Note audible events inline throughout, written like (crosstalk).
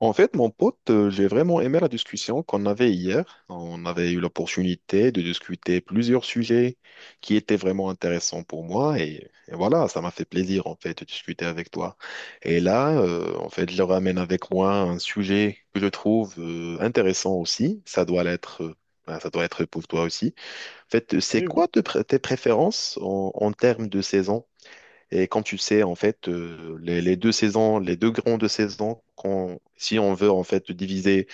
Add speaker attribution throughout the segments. Speaker 1: En fait, mon pote, j'ai vraiment aimé la discussion qu'on avait hier. On avait eu l'opportunité de discuter plusieurs sujets qui étaient vraiment intéressants pour moi et voilà, ça m'a fait plaisir en fait de discuter avec toi. Et là, en fait, je ramène avec moi un sujet que je trouve intéressant aussi. Ça doit l'être, ça doit être pour toi aussi. En fait, c'est
Speaker 2: Oui, oui,
Speaker 1: quoi tes préférences en termes de saison? Et comme tu le sais, en fait, les deux saisons, les deux grandes saisons, si on veut en fait diviser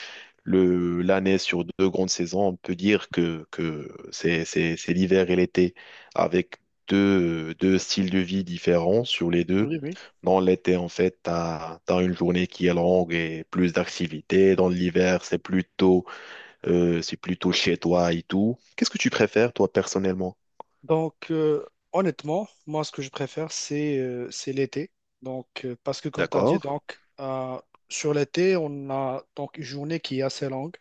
Speaker 1: l'année sur deux grandes saisons, on peut dire que c'est, c'est l'hiver et l'été avec deux styles de vie différents sur les deux.
Speaker 2: oui, oui.
Speaker 1: Dans l'été, en fait, tu as une journée qui est longue et plus d'activités. Dans l'hiver, c'est plutôt chez toi et tout. Qu'est-ce que tu préfères, toi, personnellement?
Speaker 2: Donc, euh, Honnêtement, moi, ce que je préfère, c'est l'été. Parce que, comme tu as dit,
Speaker 1: D'accord.
Speaker 2: sur l'été, on a donc une journée qui est assez longue.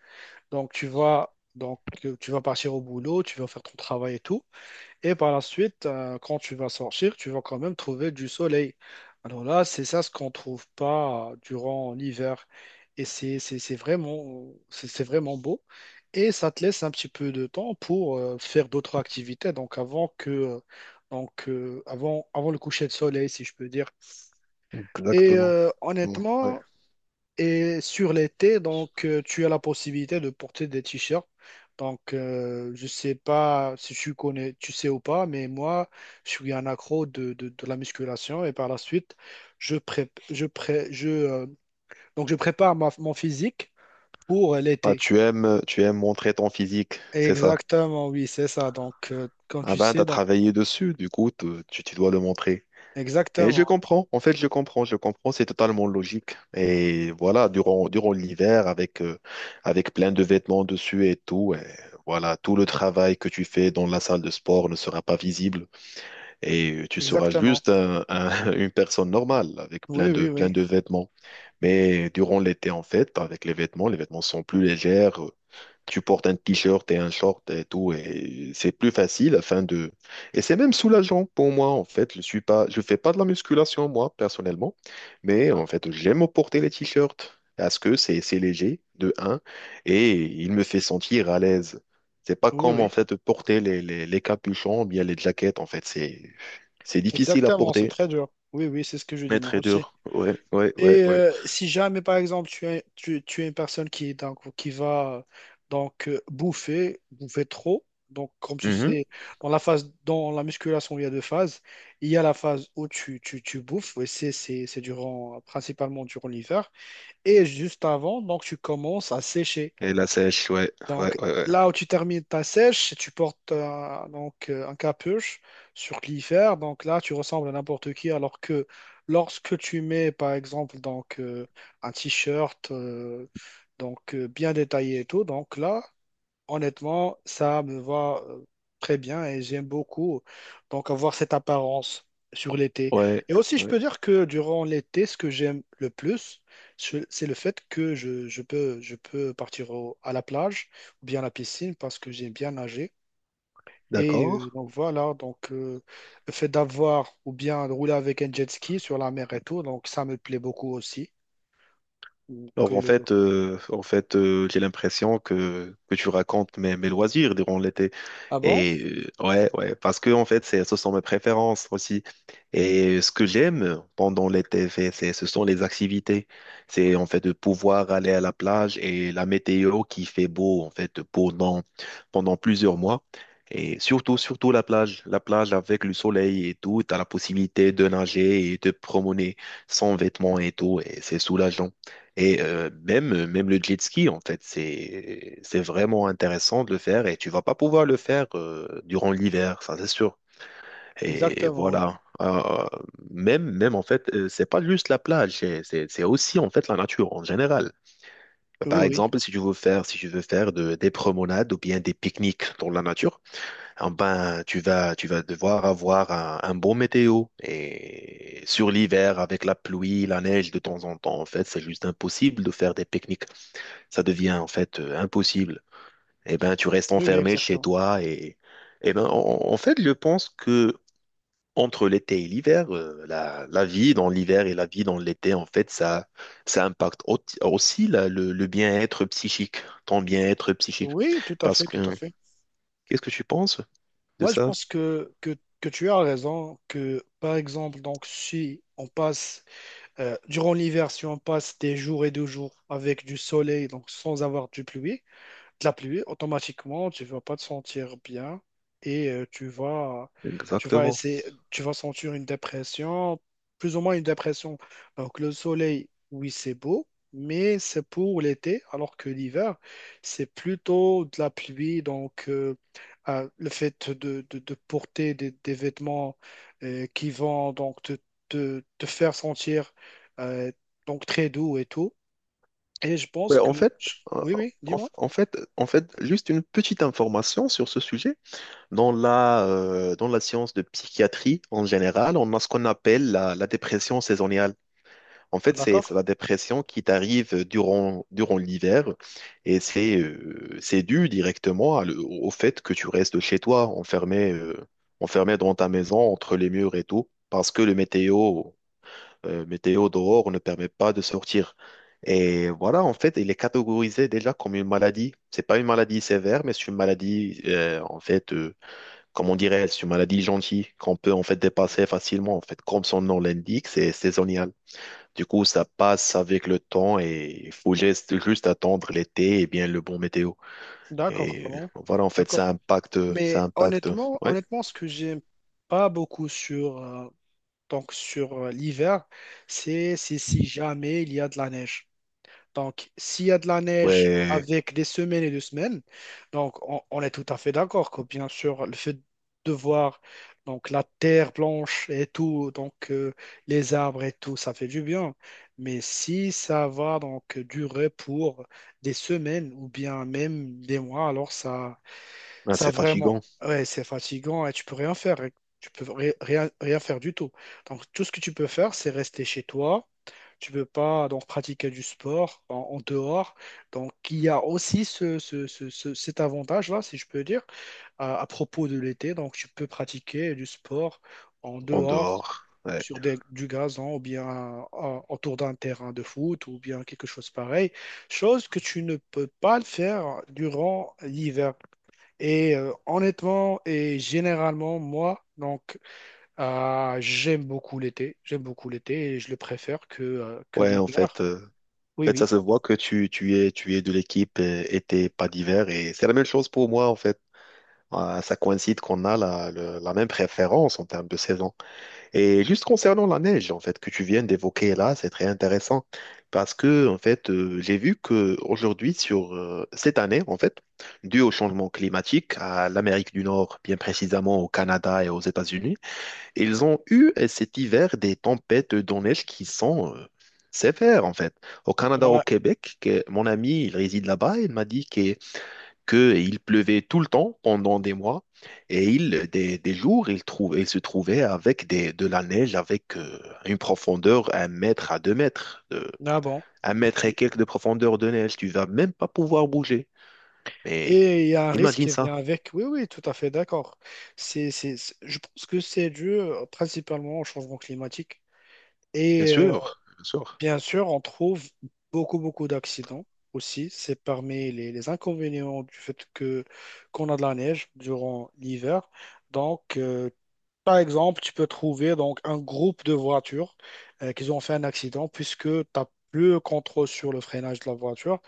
Speaker 2: Donc, tu vas, tu vas partir au boulot, tu vas faire ton travail et tout. Et par la suite, quand tu vas sortir, tu vas quand même trouver du soleil. Alors là, c'est ça ce qu'on ne trouve pas durant l'hiver. Et c'est vraiment, c'est vraiment beau. Et ça te laisse un petit peu de temps pour faire d'autres activités. Donc avant que, avant le coucher de soleil, si je peux dire. Et
Speaker 1: Exactement. Ouais.
Speaker 2: honnêtement, et sur l'été, tu as la possibilité de porter des t-shirts. Je sais pas si tu connais, tu sais ou pas, mais moi, je suis un accro de la musculation et par la suite, je prép- je pré- je, donc je prépare mon physique pour
Speaker 1: Ah,
Speaker 2: l'été.
Speaker 1: tu aimes montrer ton physique, c'est ça.
Speaker 2: Exactement, oui, c'est ça. Comme
Speaker 1: Ah
Speaker 2: tu
Speaker 1: ben,
Speaker 2: sais,
Speaker 1: t'as
Speaker 2: donc,
Speaker 1: travaillé dessus, du coup, tu dois le montrer. Et je
Speaker 2: exactement,
Speaker 1: comprends, en fait, je comprends, c'est totalement logique. Et voilà, durant, durant l'hiver, avec, avec plein de vêtements dessus et tout, et voilà, tout le travail que tu fais dans la salle de sport ne sera pas visible. Et tu seras
Speaker 2: exactement.
Speaker 1: juste (laughs) une personne normale, avec
Speaker 2: Oui, oui,
Speaker 1: plein
Speaker 2: oui.
Speaker 1: de vêtements. Mais durant l'été, en fait, avec les vêtements sont plus légers. Tu portes un t-shirt et un short et tout, et c'est plus facile afin de... Et c'est même soulageant pour moi, en fait. Je suis pas, je fais pas de la musculation, moi, personnellement, mais
Speaker 2: Ah,
Speaker 1: en fait, j'aime porter les t-shirts parce que c'est léger, de un, et il me fait sentir à l'aise. C'est pas
Speaker 2: oui,
Speaker 1: comme, en
Speaker 2: oui,
Speaker 1: fait, porter les, les capuchons ou bien les jaquettes, en fait. C'est difficile à
Speaker 2: exactement, c'est
Speaker 1: porter,
Speaker 2: très dur. Oui, oui, c'est ce que je dis
Speaker 1: mais
Speaker 2: moi
Speaker 1: très
Speaker 2: aussi.
Speaker 1: dur. Ouais, ouais, ouais,
Speaker 2: Et
Speaker 1: ouais.
Speaker 2: si jamais, par exemple, tu es une personne qui, donc, qui va bouffer, bouffer trop, donc comme tu
Speaker 1: Mhm.
Speaker 2: sais, dans la phase, dans la musculation, il y a deux phases. Il y a la phase où tu bouffes, et c'est durant, principalement durant l'hiver, et juste avant, donc tu commences à sécher.
Speaker 1: Et la sèche, ouais, ouais,
Speaker 2: Donc,
Speaker 1: ouais, ouais.
Speaker 2: là où tu termines ta sèche, si tu portes un capuche sur l'hiver. Donc là, tu ressembles à n'importe qui. Alors que lorsque tu mets, par exemple, un t-shirt bien détaillé et tout, donc là, honnêtement, ça me va très bien et j'aime beaucoup donc avoir cette apparence sur l'été.
Speaker 1: Ouais,
Speaker 2: Et aussi, je
Speaker 1: ouais.
Speaker 2: peux dire que durant l'été, ce que j'aime le plus, c'est le fait que je peux partir à la plage ou bien à la piscine parce que j'aime bien nager. Et
Speaker 1: D'accord.
Speaker 2: le fait d'avoir ou bien de rouler avec un jet ski sur la mer et tout, donc ça me plaît beaucoup aussi. Donc,
Speaker 1: Alors
Speaker 2: euh,
Speaker 1: en fait, j'ai l'impression que tu racontes mes, mes loisirs durant l'été.
Speaker 2: ah bon?
Speaker 1: Et ouais, ouais, parce que en fait, c'est, ce sont mes préférences aussi. Et ce que j'aime pendant l'été, c'est, ce sont les activités. C'est en fait de pouvoir aller à la plage et la météo qui fait beau en fait pendant pendant plusieurs mois. Et surtout, surtout la plage avec le soleil et tout, t'as la possibilité de nager et de promener sans vêtements et tout, et c'est soulageant. Et même, même le jet ski, en fait, c'est vraiment intéressant de le faire et tu vas pas pouvoir le faire durant l'hiver, ça c'est sûr. Et
Speaker 2: Exactement, oui.
Speaker 1: voilà. Même, même en fait, c'est pas juste la plage, c'est aussi en fait la nature en général. Par
Speaker 2: Oui, oui.
Speaker 1: exemple, si tu veux faire, si tu veux faire des promenades ou bien des pique-niques dans la nature, eh ben, tu vas devoir avoir un bon météo. Et sur l'hiver, avec la pluie, la neige de temps en temps, en fait, c'est juste impossible de faire des pique-niques, ça devient en fait impossible. Eh ben, tu restes
Speaker 2: Oui, oui,
Speaker 1: enfermé chez
Speaker 2: exactement.
Speaker 1: toi et eh ben, en fait, je pense que entre l'été et l'hiver, la vie dans l'hiver et la vie dans l'été, en fait, ça impacte aussi le bien-être psychique, ton bien-être psychique.
Speaker 2: Oui, tout à
Speaker 1: Parce
Speaker 2: fait,
Speaker 1: que,
Speaker 2: tout à fait.
Speaker 1: qu'est-ce que tu penses de
Speaker 2: Moi, je
Speaker 1: ça?
Speaker 2: pense que tu as raison, que par exemple, donc, si on passe, durant l'hiver, si on passe des jours et des jours avec du soleil, donc sans avoir de la pluie, automatiquement, tu vas pas te sentir bien et tu vas
Speaker 1: Exactement.
Speaker 2: essayer, tu vas sentir une dépression, plus ou moins une dépression. Donc, le soleil, oui, c'est beau, mais c'est pour l'été, alors que l'hiver, c'est plutôt de la pluie. Le fait de porter des vêtements qui vont donc te faire sentir euh, donc très doux et tout. Et je pense
Speaker 1: Ouais,
Speaker 2: que,
Speaker 1: en fait,
Speaker 2: oui, oui, dis-moi.
Speaker 1: en fait, juste une petite information sur ce sujet. Dans la science de psychiatrie en général, on a ce qu'on appelle la, la dépression saisonnière. En fait, c'est
Speaker 2: D'accord.
Speaker 1: la dépression qui t'arrive durant, durant l'hiver et c'est dû directement à au fait que tu restes chez toi, enfermé, enfermé dans ta maison, entre les murs et tout, parce que le météo, météo dehors ne permet pas de sortir. Et voilà, en fait, il est catégorisé déjà comme une maladie. C'est pas une maladie sévère, mais c'est une maladie, en fait. Comme on dirait, c'est une maladie gentille qu'on peut en fait dépasser facilement. En fait, comme son nom l'indique, c'est saisonnial. Du coup, ça passe avec le temps et il faut juste juste attendre l'été et bien le bon météo.
Speaker 2: D'accord, ah
Speaker 1: Et
Speaker 2: bon,
Speaker 1: voilà, en fait, ça
Speaker 2: d'accord.
Speaker 1: impacte, ça
Speaker 2: Mais
Speaker 1: impacte.
Speaker 2: honnêtement,
Speaker 1: Ouais,
Speaker 2: honnêtement, ce que j'aime pas beaucoup sur l'hiver, c'est si jamais il y a de la neige. Donc, s'il y a de la neige
Speaker 1: ouais,
Speaker 2: avec des semaines et des semaines, donc on est tout à fait d'accord que bien sûr, le fait de voir donc la terre blanche et tout, les arbres et tout, ça fait du bien. Mais si ça va donc durer pour des semaines ou bien même des mois, alors ça.
Speaker 1: Ah,
Speaker 2: Ça
Speaker 1: c'est
Speaker 2: vraiment,
Speaker 1: fatigant
Speaker 2: ouais, c'est fatigant et tu peux rien faire. Rien faire du tout. Donc, tout ce que tu peux faire, c'est rester chez toi. Tu peux pas donc pratiquer du sport en dehors. Donc, il y a aussi cet avantage-là, si je peux dire, à propos de l'été. Donc, tu peux pratiquer du sport en
Speaker 1: en
Speaker 2: dehors
Speaker 1: dehors. Ouais,
Speaker 2: sur du gazon ou bien autour d'un terrain de foot ou bien quelque chose pareil. Chose que tu ne peux pas le faire durant l'hiver. Et honnêtement et généralement, moi, j'aime beaucoup l'été. J'aime beaucoup l'été et je le préfère que
Speaker 1: ouais, en
Speaker 2: l'hiver.
Speaker 1: fait. euh,
Speaker 2: Oui,
Speaker 1: En fait, ça
Speaker 2: oui.
Speaker 1: se voit que tu, tu es de l'équipe été, pas d'hiver. Et c'est la même chose pour moi, en fait. Ah, ça coïncide qu'on a la, la même préférence en termes de saison. Et juste concernant la neige, en fait, que tu viens d'évoquer là, c'est très intéressant parce que, en fait, j'ai vu que aujourd'hui, sur cette année, en fait, dû au changement climatique à l'Amérique du Nord, bien précisément au Canada et aux États-Unis, ils ont eu cet hiver des tempêtes de neige qui sont sévères, en fait. Au Canada, au
Speaker 2: Ouais.
Speaker 1: Québec, mon ami, il réside là-bas, il m'a dit que qu'il pleuvait tout le temps pendant des mois et il, des jours, il, il se trouvait avec des, de la neige avec une profondeur un mètre à deux mètres, de,
Speaker 2: Ah bon,
Speaker 1: un mètre et
Speaker 2: ok.
Speaker 1: quelques de profondeur de neige. Tu vas même pas pouvoir bouger. Mais
Speaker 2: Et il y a un risque
Speaker 1: imagine
Speaker 2: qui
Speaker 1: ça.
Speaker 2: vient avec. Oui, oui, tout à fait d'accord. Je pense que c'est dû principalement au changement climatique.
Speaker 1: Bien
Speaker 2: Et
Speaker 1: sûr, bien sûr.
Speaker 2: bien sûr, on trouve beaucoup, beaucoup d'accidents aussi. C'est parmi les inconvénients du fait que qu'on a de la neige durant l'hiver. Donc, euh, Par exemple, tu peux trouver donc un groupe de voitures qui ont fait un accident puisque tu n'as plus le contrôle sur le freinage de la voiture.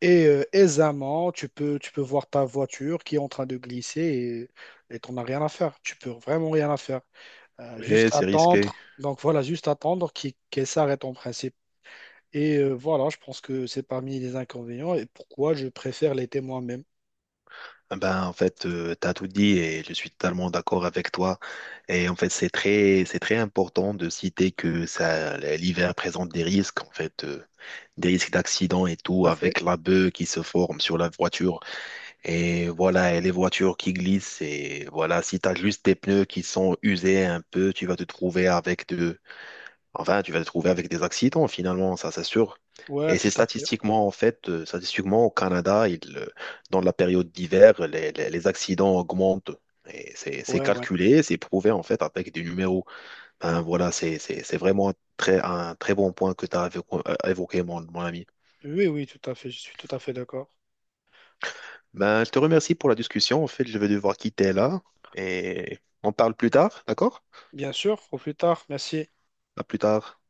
Speaker 2: Et aisément, tu peux voir ta voiture qui est en train de glisser et t'en as rien à faire. Tu peux vraiment rien à faire. Juste
Speaker 1: Oui, c'est risqué.
Speaker 2: attendre. Donc voilà, juste attendre qu'elle s'arrête en principe. Et voilà, je pense que c'est parmi les inconvénients et pourquoi je préfère l'été moi-même.
Speaker 1: Ah Ben, en fait, tu as tout dit et je suis totalement d'accord avec toi. Et en fait, c'est très important de citer que ça, l'hiver présente des risques. En fait, des risques d'accident et tout,
Speaker 2: Tout à fait.
Speaker 1: avec la beuh qui se forme sur la voiture. Et voilà, et les voitures qui glissent. Et voilà, si tu as juste des pneus qui sont usés un peu, tu vas te trouver avec de... Enfin, tu vas te trouver avec des accidents finalement, ça c'est sûr.
Speaker 2: Ouais,
Speaker 1: Et c'est
Speaker 2: tout à fait.
Speaker 1: statistiquement, en fait, statistiquement, au Canada, il, dans la période d'hiver, les, les accidents augmentent. Et c'est
Speaker 2: Ouais, ouais.
Speaker 1: calculé, c'est prouvé, en fait, avec des numéros. Ben, voilà, c'est vraiment très, un très bon point que tu as évoqué, mon mon ami.
Speaker 2: Oui, oui, tout à fait. Je suis tout à fait d'accord.
Speaker 1: Ben, je te remercie pour la discussion. En fait, je vais devoir quitter là et on parle plus tard, d'accord?
Speaker 2: Bien sûr, au plus tard. Merci.
Speaker 1: À plus tard.